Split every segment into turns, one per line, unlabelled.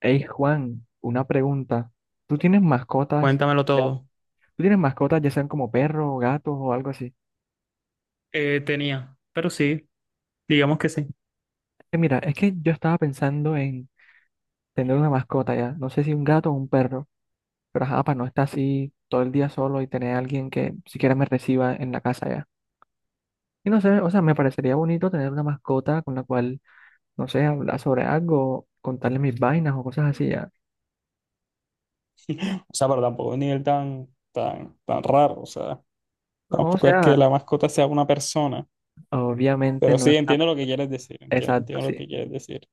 Hey Juan, una pregunta. ¿Tú tienes mascotas?
Cuéntamelo
Ya.
todo.
¿Tú tienes mascotas, ya sean como perros, o gatos o algo así?
Tenía, pero sí, digamos que sí.
Mira, es que yo estaba pensando en tener una mascota ya. No sé si un gato o un perro, pero ajá, para no estar así todo el día solo y tener a alguien que siquiera me reciba en la casa ya. Y no sé, o sea, me parecería bonito tener una mascota con la cual, no sé, hablar sobre algo, contarle mis vainas o cosas así ya.
O sea, pero tampoco es un nivel tan, tan, tan raro. O sea,
No, o
tampoco es
sea,
que la mascota sea una persona.
obviamente
Pero
no
sí,
es...
entiendo lo que quieres decir. entie-
Exacto,
Entiendo lo
sí.
que quieres decir.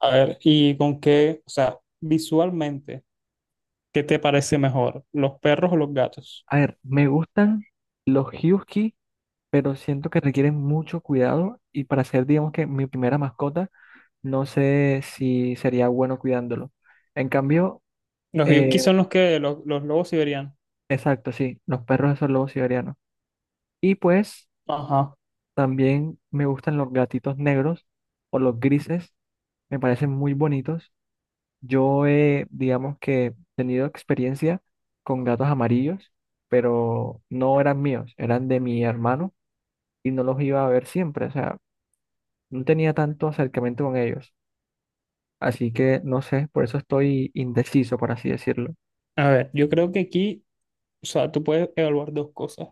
A ver, ¿y con qué? O sea, visualmente, ¿qué te parece mejor? ¿Los perros o los gatos?
A ver, me gustan los husky pero siento que requiere mucho cuidado y para ser, digamos que mi primera mascota, no sé si sería bueno cuidándolo. En cambio,
Los yuki
eh,
son los lobos siberianos.
exacto, sí, los perros esos lobos siberianos. Y pues
Ajá.
también me gustan los gatitos negros o los grises, me parecen muy bonitos. Yo he, digamos que, tenido experiencia con gatos amarillos, pero no eran míos, eran de mi hermano y no los iba a ver siempre, o sea, no tenía tanto acercamiento con ellos. Así que no sé, por eso estoy indeciso, por así decirlo.
A ver, yo creo que aquí, o sea, tú puedes evaluar dos cosas.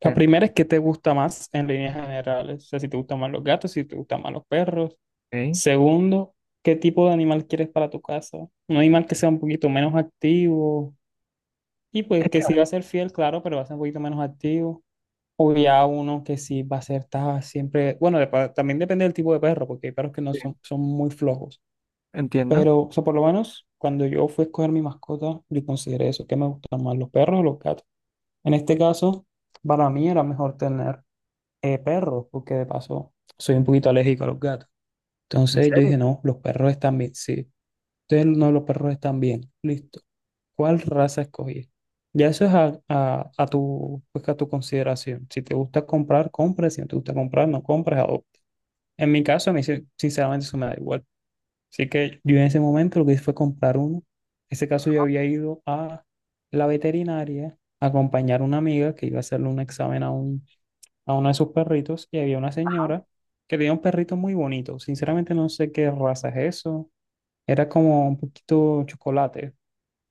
La
Eh,
primera es qué te gusta más en líneas generales, o sea, si te gustan más los gatos, si te gustan más los perros.
ok.
Segundo, qué tipo de animal quieres para tu casa. Un animal que sea un poquito menos activo y pues
Es
que
que, a
sí
ver,
va a ser fiel, claro, pero va a ser un poquito menos activo. O ya uno que sí va a ser siempre, bueno, también depende del tipo de perro, porque hay perros que no
sí,
son, son muy flojos.
entiendo.
Pero, o sea, por lo menos cuando yo fui a escoger mi mascota, yo consideré eso, que me gustan más los perros o los gatos. En este caso, para mí era mejor tener perros, porque de paso soy un poquito alérgico a los gatos.
¿En
Entonces yo
serio?
dije, no, los perros están bien. Sí, entonces no, los perros están bien. Listo. ¿Cuál raza escogí? Ya eso es a tu, pues, a tu consideración. Si te gusta comprar, compras. Si no te gusta comprar, no compras, adopta. En mi caso, a mí sinceramente eso me da igual. Así que yo en ese momento lo que hice fue comprar uno. En ese caso yo había ido a la veterinaria a acompañar a una amiga que iba a hacerle un examen a uno de sus perritos y había una señora que tenía un perrito muy bonito. Sinceramente no sé qué raza es eso. Era como un poquito chocolate. O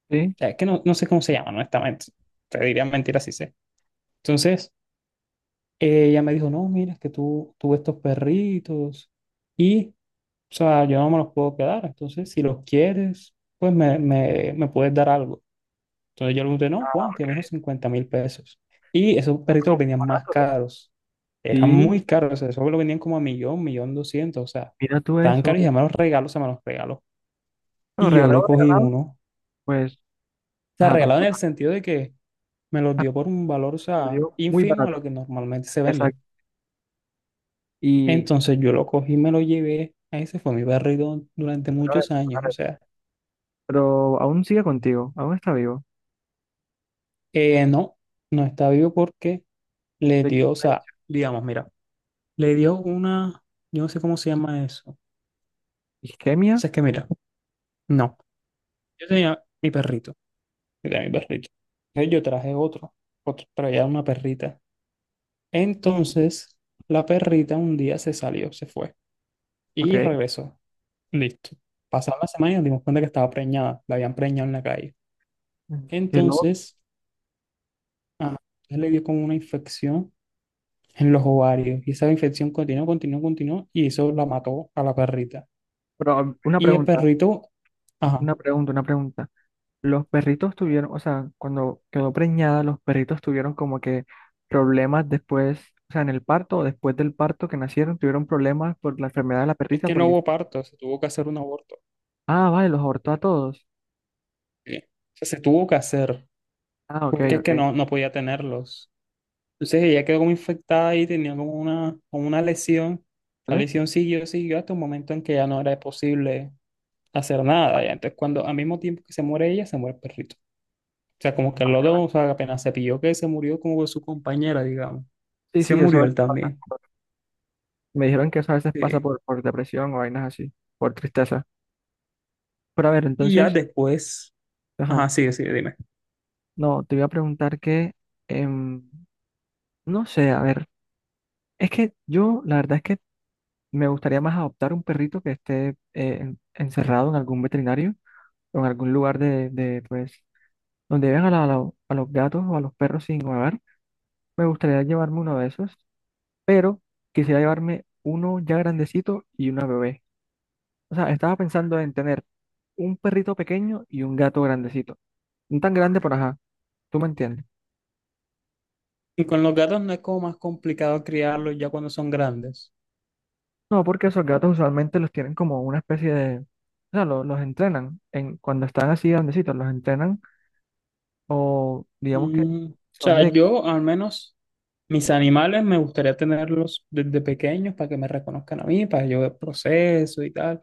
Sí.
sea, es que no, no sé cómo se llama, honestamente. Te diría mentira si sé. Entonces, ella me dijo, no, mira, es que tú tuve estos perritos y, o sea, yo no me los puedo quedar. Entonces, si los quieres, pues me puedes dar algo. Entonces yo le pregunté, no, Juan, que me dijo 50 mil pesos. Y esos
Ah,
perritos
pero
venían más
barato, ¿no?
caros. Eran
Sí,
muy caros. O sea, esos lo vendían como a millón, millón doscientos. O sea,
mira tú
estaban
eso.
caros y se me los regaló, se me los regaló.
Bueno,
Y yo le
regalado,
cogí
regalado,
uno. O
pues,
sea,
ajá,
regalado en el
tampoco.
sentido de que me los
Ah,
dio por un valor, o
te lo
sea,
digo, muy
ínfimo a
barato.
lo que normalmente se vende.
Exacto. Y,
Entonces yo lo cogí, me lo llevé. Ese fue mi perrito durante
pero, a ver,
muchos
a
años. O
ver,
sea,
pero aún sigue contigo, aún está vivo.
no, no está vivo porque le
¿De qué
dio, o sea,
país?
digamos, mira. Le dio una, yo no sé cómo se llama eso. O
¿Isquemia?
sea, es que mira, no. Yo tenía mi perrito. Yo tenía mi perrito. Entonces yo traje otro, pero ya una perrita. Entonces, la perrita un día se salió, se fue
Ok.
y regresó. Listo. Pasaron las semanas y nos dimos cuenta que estaba preñada, la habían preñado en la calle.
Ujú. Qué loco.
Entonces, ajá, entonces le dio como una infección en los ovarios y esa infección continuó, continuó, continuó y eso la mató a la perrita.
Pero una
Y el
pregunta,
perrito, ajá,
una pregunta. Los perritos tuvieron, o sea, cuando quedó preñada, los perritos tuvieron como que problemas después, o sea, en el parto o después del parto que nacieron, tuvieron problemas por la enfermedad de la
es
perrita.
que no hubo parto, se tuvo que hacer un aborto.
Ah, vale, los abortó a todos.
¿Sí? O sea, se tuvo que hacer,
Ah, ok,
porque es que
ok.
no, no podía tenerlos. Entonces ella quedó como infectada y tenía como una lesión. La
¿Vale?
lesión siguió, siguió hasta un momento en que ya no era posible hacer nada. Ya. Entonces, cuando al mismo tiempo que se muere ella, se muere el perrito. O sea, como que los dos, o sea, apenas se pilló que se murió como su compañera, digamos.
Sí,
Se
sí, eso
murió
es-
él también.
Me dijeron que eso a veces pasa
Sí.
por depresión o vainas así, por tristeza. Pero a ver,
Y ya
entonces,
después,
ajá,
ajá, sigue, sigue, dime.
no, te voy a preguntar que, em, no sé, a ver, es que yo, la verdad es que me gustaría más adoptar un perrito que esté encerrado en algún veterinario o en algún lugar de, pues, donde vean a, a los gatos o a los perros sin hogar. Me gustaría llevarme uno de esos, pero quisiera llevarme uno ya grandecito y una bebé. O sea, estaba pensando en tener un perrito pequeño y un gato grandecito. No tan grande, pero ajá, tú me entiendes.
Y con los gatos no es como más complicado criarlos ya cuando son grandes.
No, porque esos gatos usualmente los tienen como una especie de... O sea, los entrenan. En, cuando están así grandecitos, los entrenan o digamos que
O
son
sea,
de.
yo al menos mis animales me gustaría tenerlos desde pequeños para que me reconozcan a mí, para que yo ver proceso y tal.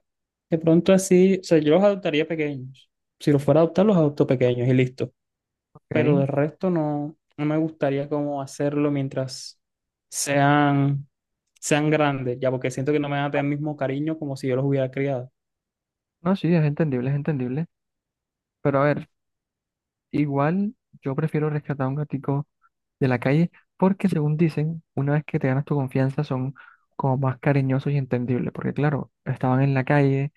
De pronto así, o sea, yo los adoptaría pequeños. Si los fuera a adoptar, los adopto pequeños y listo. Pero
Ok.
del resto no, no me gustaría como hacerlo mientras sean, sean grandes, ya porque siento que no me van a tener el mismo cariño como si yo los hubiera criado.
No, sí, es entendible, es entendible. Pero a ver, igual yo prefiero rescatar a un gatico de la calle porque según dicen, una vez que te ganas tu confianza son como más cariñosos y entendibles. Porque claro, estaban en la calle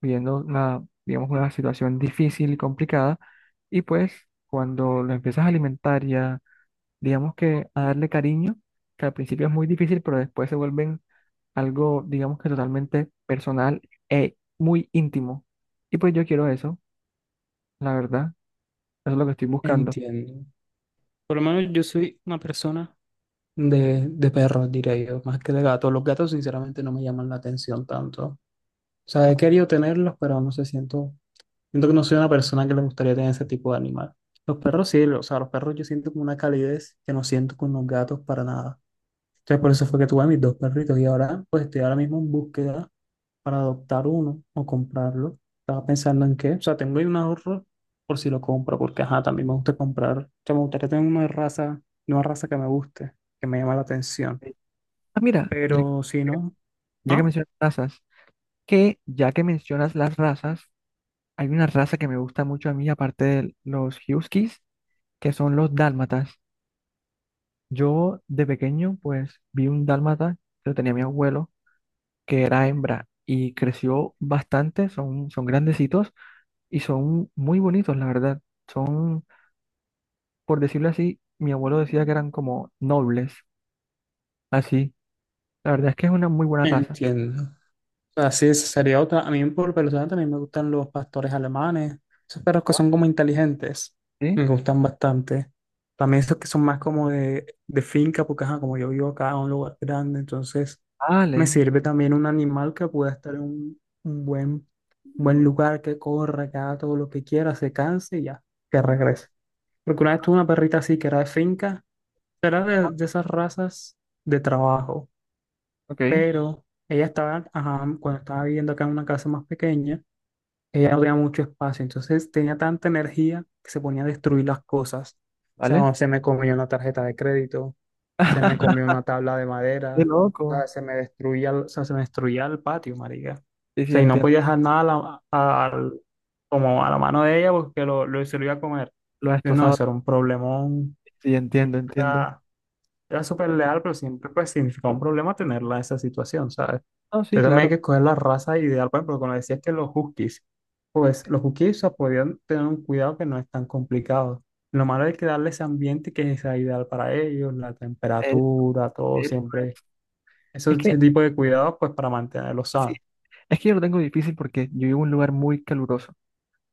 viviendo una, digamos, una situación difícil y complicada y pues cuando lo empiezas a alimentar y a, digamos que a darle cariño, que al principio es muy difícil, pero después se vuelven algo, digamos que totalmente personal e muy íntimo. Y pues yo quiero eso, la verdad. Eso es lo que estoy buscando.
Entiendo. Por lo menos yo soy una persona de perros, diría yo, más que de gatos. Los gatos, sinceramente, no me llaman la atención tanto. O sea, he querido tenerlos, pero no sé, siento, siento que no soy una persona que le gustaría tener ese tipo de animal. Los perros sí, o sea, los perros yo siento como una calidez que no siento con los gatos para nada. Entonces, por eso fue que tuve a mis dos perritos y ahora, pues estoy ahora mismo en búsqueda para adoptar uno o comprarlo. Estaba pensando en qué, o sea, tengo ahí un ahorro por si lo compro, porque ajá, también me gusta comprar. O sea, me gustaría tener una raza que me guste, que me llama la atención
Eh, Ah, mira, ya,
pero si no,
ya que
¿ah?
mencionas razas, que ya que mencionas las razas, hay una raza que me gusta mucho a mí, aparte de los huskies, que son los dálmatas. Yo de pequeño, pues, vi un dálmata que lo tenía mi abuelo, que era hembra, y creció bastante, son grandecitos y son muy bonitos, la verdad. Son, por decirlo así, mi abuelo decía que eran como nobles, así. La verdad es que es una muy buena raza.
Entiendo. Así es, sería otra. A mí por personal también me gustan los pastores alemanes, esos perros que
Ah,
son como inteligentes,
¿sí?
me gustan bastante. También esos que son más como de finca, porque ajá, como yo vivo acá en un lugar grande, entonces me
Vale.
sirve también un animal que pueda estar en un buen lugar, que corra, que haga todo lo que quiera, se canse y ya, que regrese. Porque una vez tuve una perrita así que era de finca, era de esas razas de trabajo
Ok,
pero ella estaba, ajá, cuando estaba viviendo acá en una casa más pequeña, ella no tenía mucho espacio, entonces tenía tanta energía que se ponía a destruir las cosas. O sea, no,
¿vale?
se me comió una tarjeta de crédito, se me comió una tabla de
Qué
madera, o sea,
loco.
se me destruía, el- o sea, se me destruía el patio, marica.
Sí,
O
sí,
sea, y no
entiendo.
podía dejar nada a como a la mano de ella porque se lo iba a comer.
Lo has
Entonces, no,
destrozado.
eso era un problemón.
Sí, entiendo, entiendo.
Era súper leal, pero siempre pues significaba un problema tenerla en esa situación, ¿sabes?
No, sí,
Entonces también hay
claro.
que escoger la raza ideal, por ejemplo, cuando decías que los huskies, pues los huskies, o sea, podían tener un cuidado que no es tan complicado. Lo malo es que darle ese ambiente que sea ideal para ellos, la
Es,
temperatura, todo
es,
siempre, ese
es que,
tipo de cuidados, pues para mantenerlos
sí,
sanos.
es que yo lo tengo difícil porque yo vivo en un lugar muy caluroso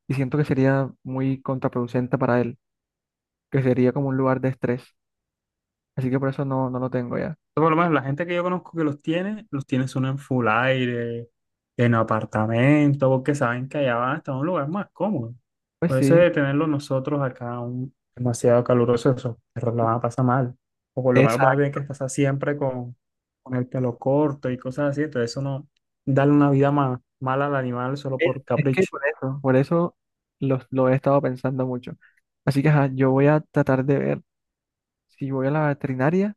y siento que sería muy contraproducente para él, que sería como un lugar de estrés. Así que por eso no, no lo tengo ya.
Por lo menos la gente que yo conozco que los tiene son en full aire, en apartamento, porque saben que allá van a estar en un lugar más cómodo.
Pues
Por eso
sí,
de tenerlo nosotros acá un, demasiado caluroso, esos perros la van a pasar mal. O por lo menos van a tener
exacto.
que pasar siempre con el pelo corto y cosas así. Entonces eso no, darle una vida más mala al animal solo por
Es que
capricho.
por eso lo he estado pensando mucho. Así que, ajá, yo voy a tratar de ver si voy a la veterinaria,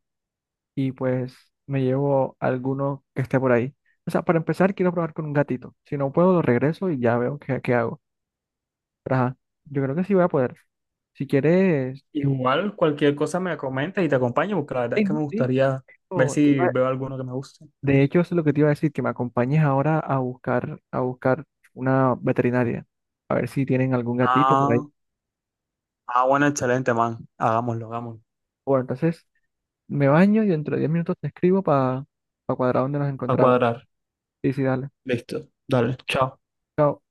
y pues me llevo alguno que esté por ahí. O sea, para empezar, quiero probar con un gatito. Si no puedo, lo regreso y ya veo qué, qué hago. Pero, ajá, yo creo que sí voy a poder. Si quieres,
Igual cualquier cosa me comentas y te acompaño, porque la verdad es
ey,
que
no,
me
sí,
gustaría ver
o te
si
iba-
veo alguno que me guste.
de hecho, eso es lo que te iba a decir, que me acompañes ahora a buscar una veterinaria, a ver si tienen algún gatito por ahí.
Ah. Ah, bueno, excelente, man. Hagámoslo, hagámoslo.
Bueno, entonces me baño y dentro de 10 minutos te escribo para cuadrar donde nos
A
encontramos.
cuadrar.
Sí, sí, dale.
Listo. Dale, chao.
Chao.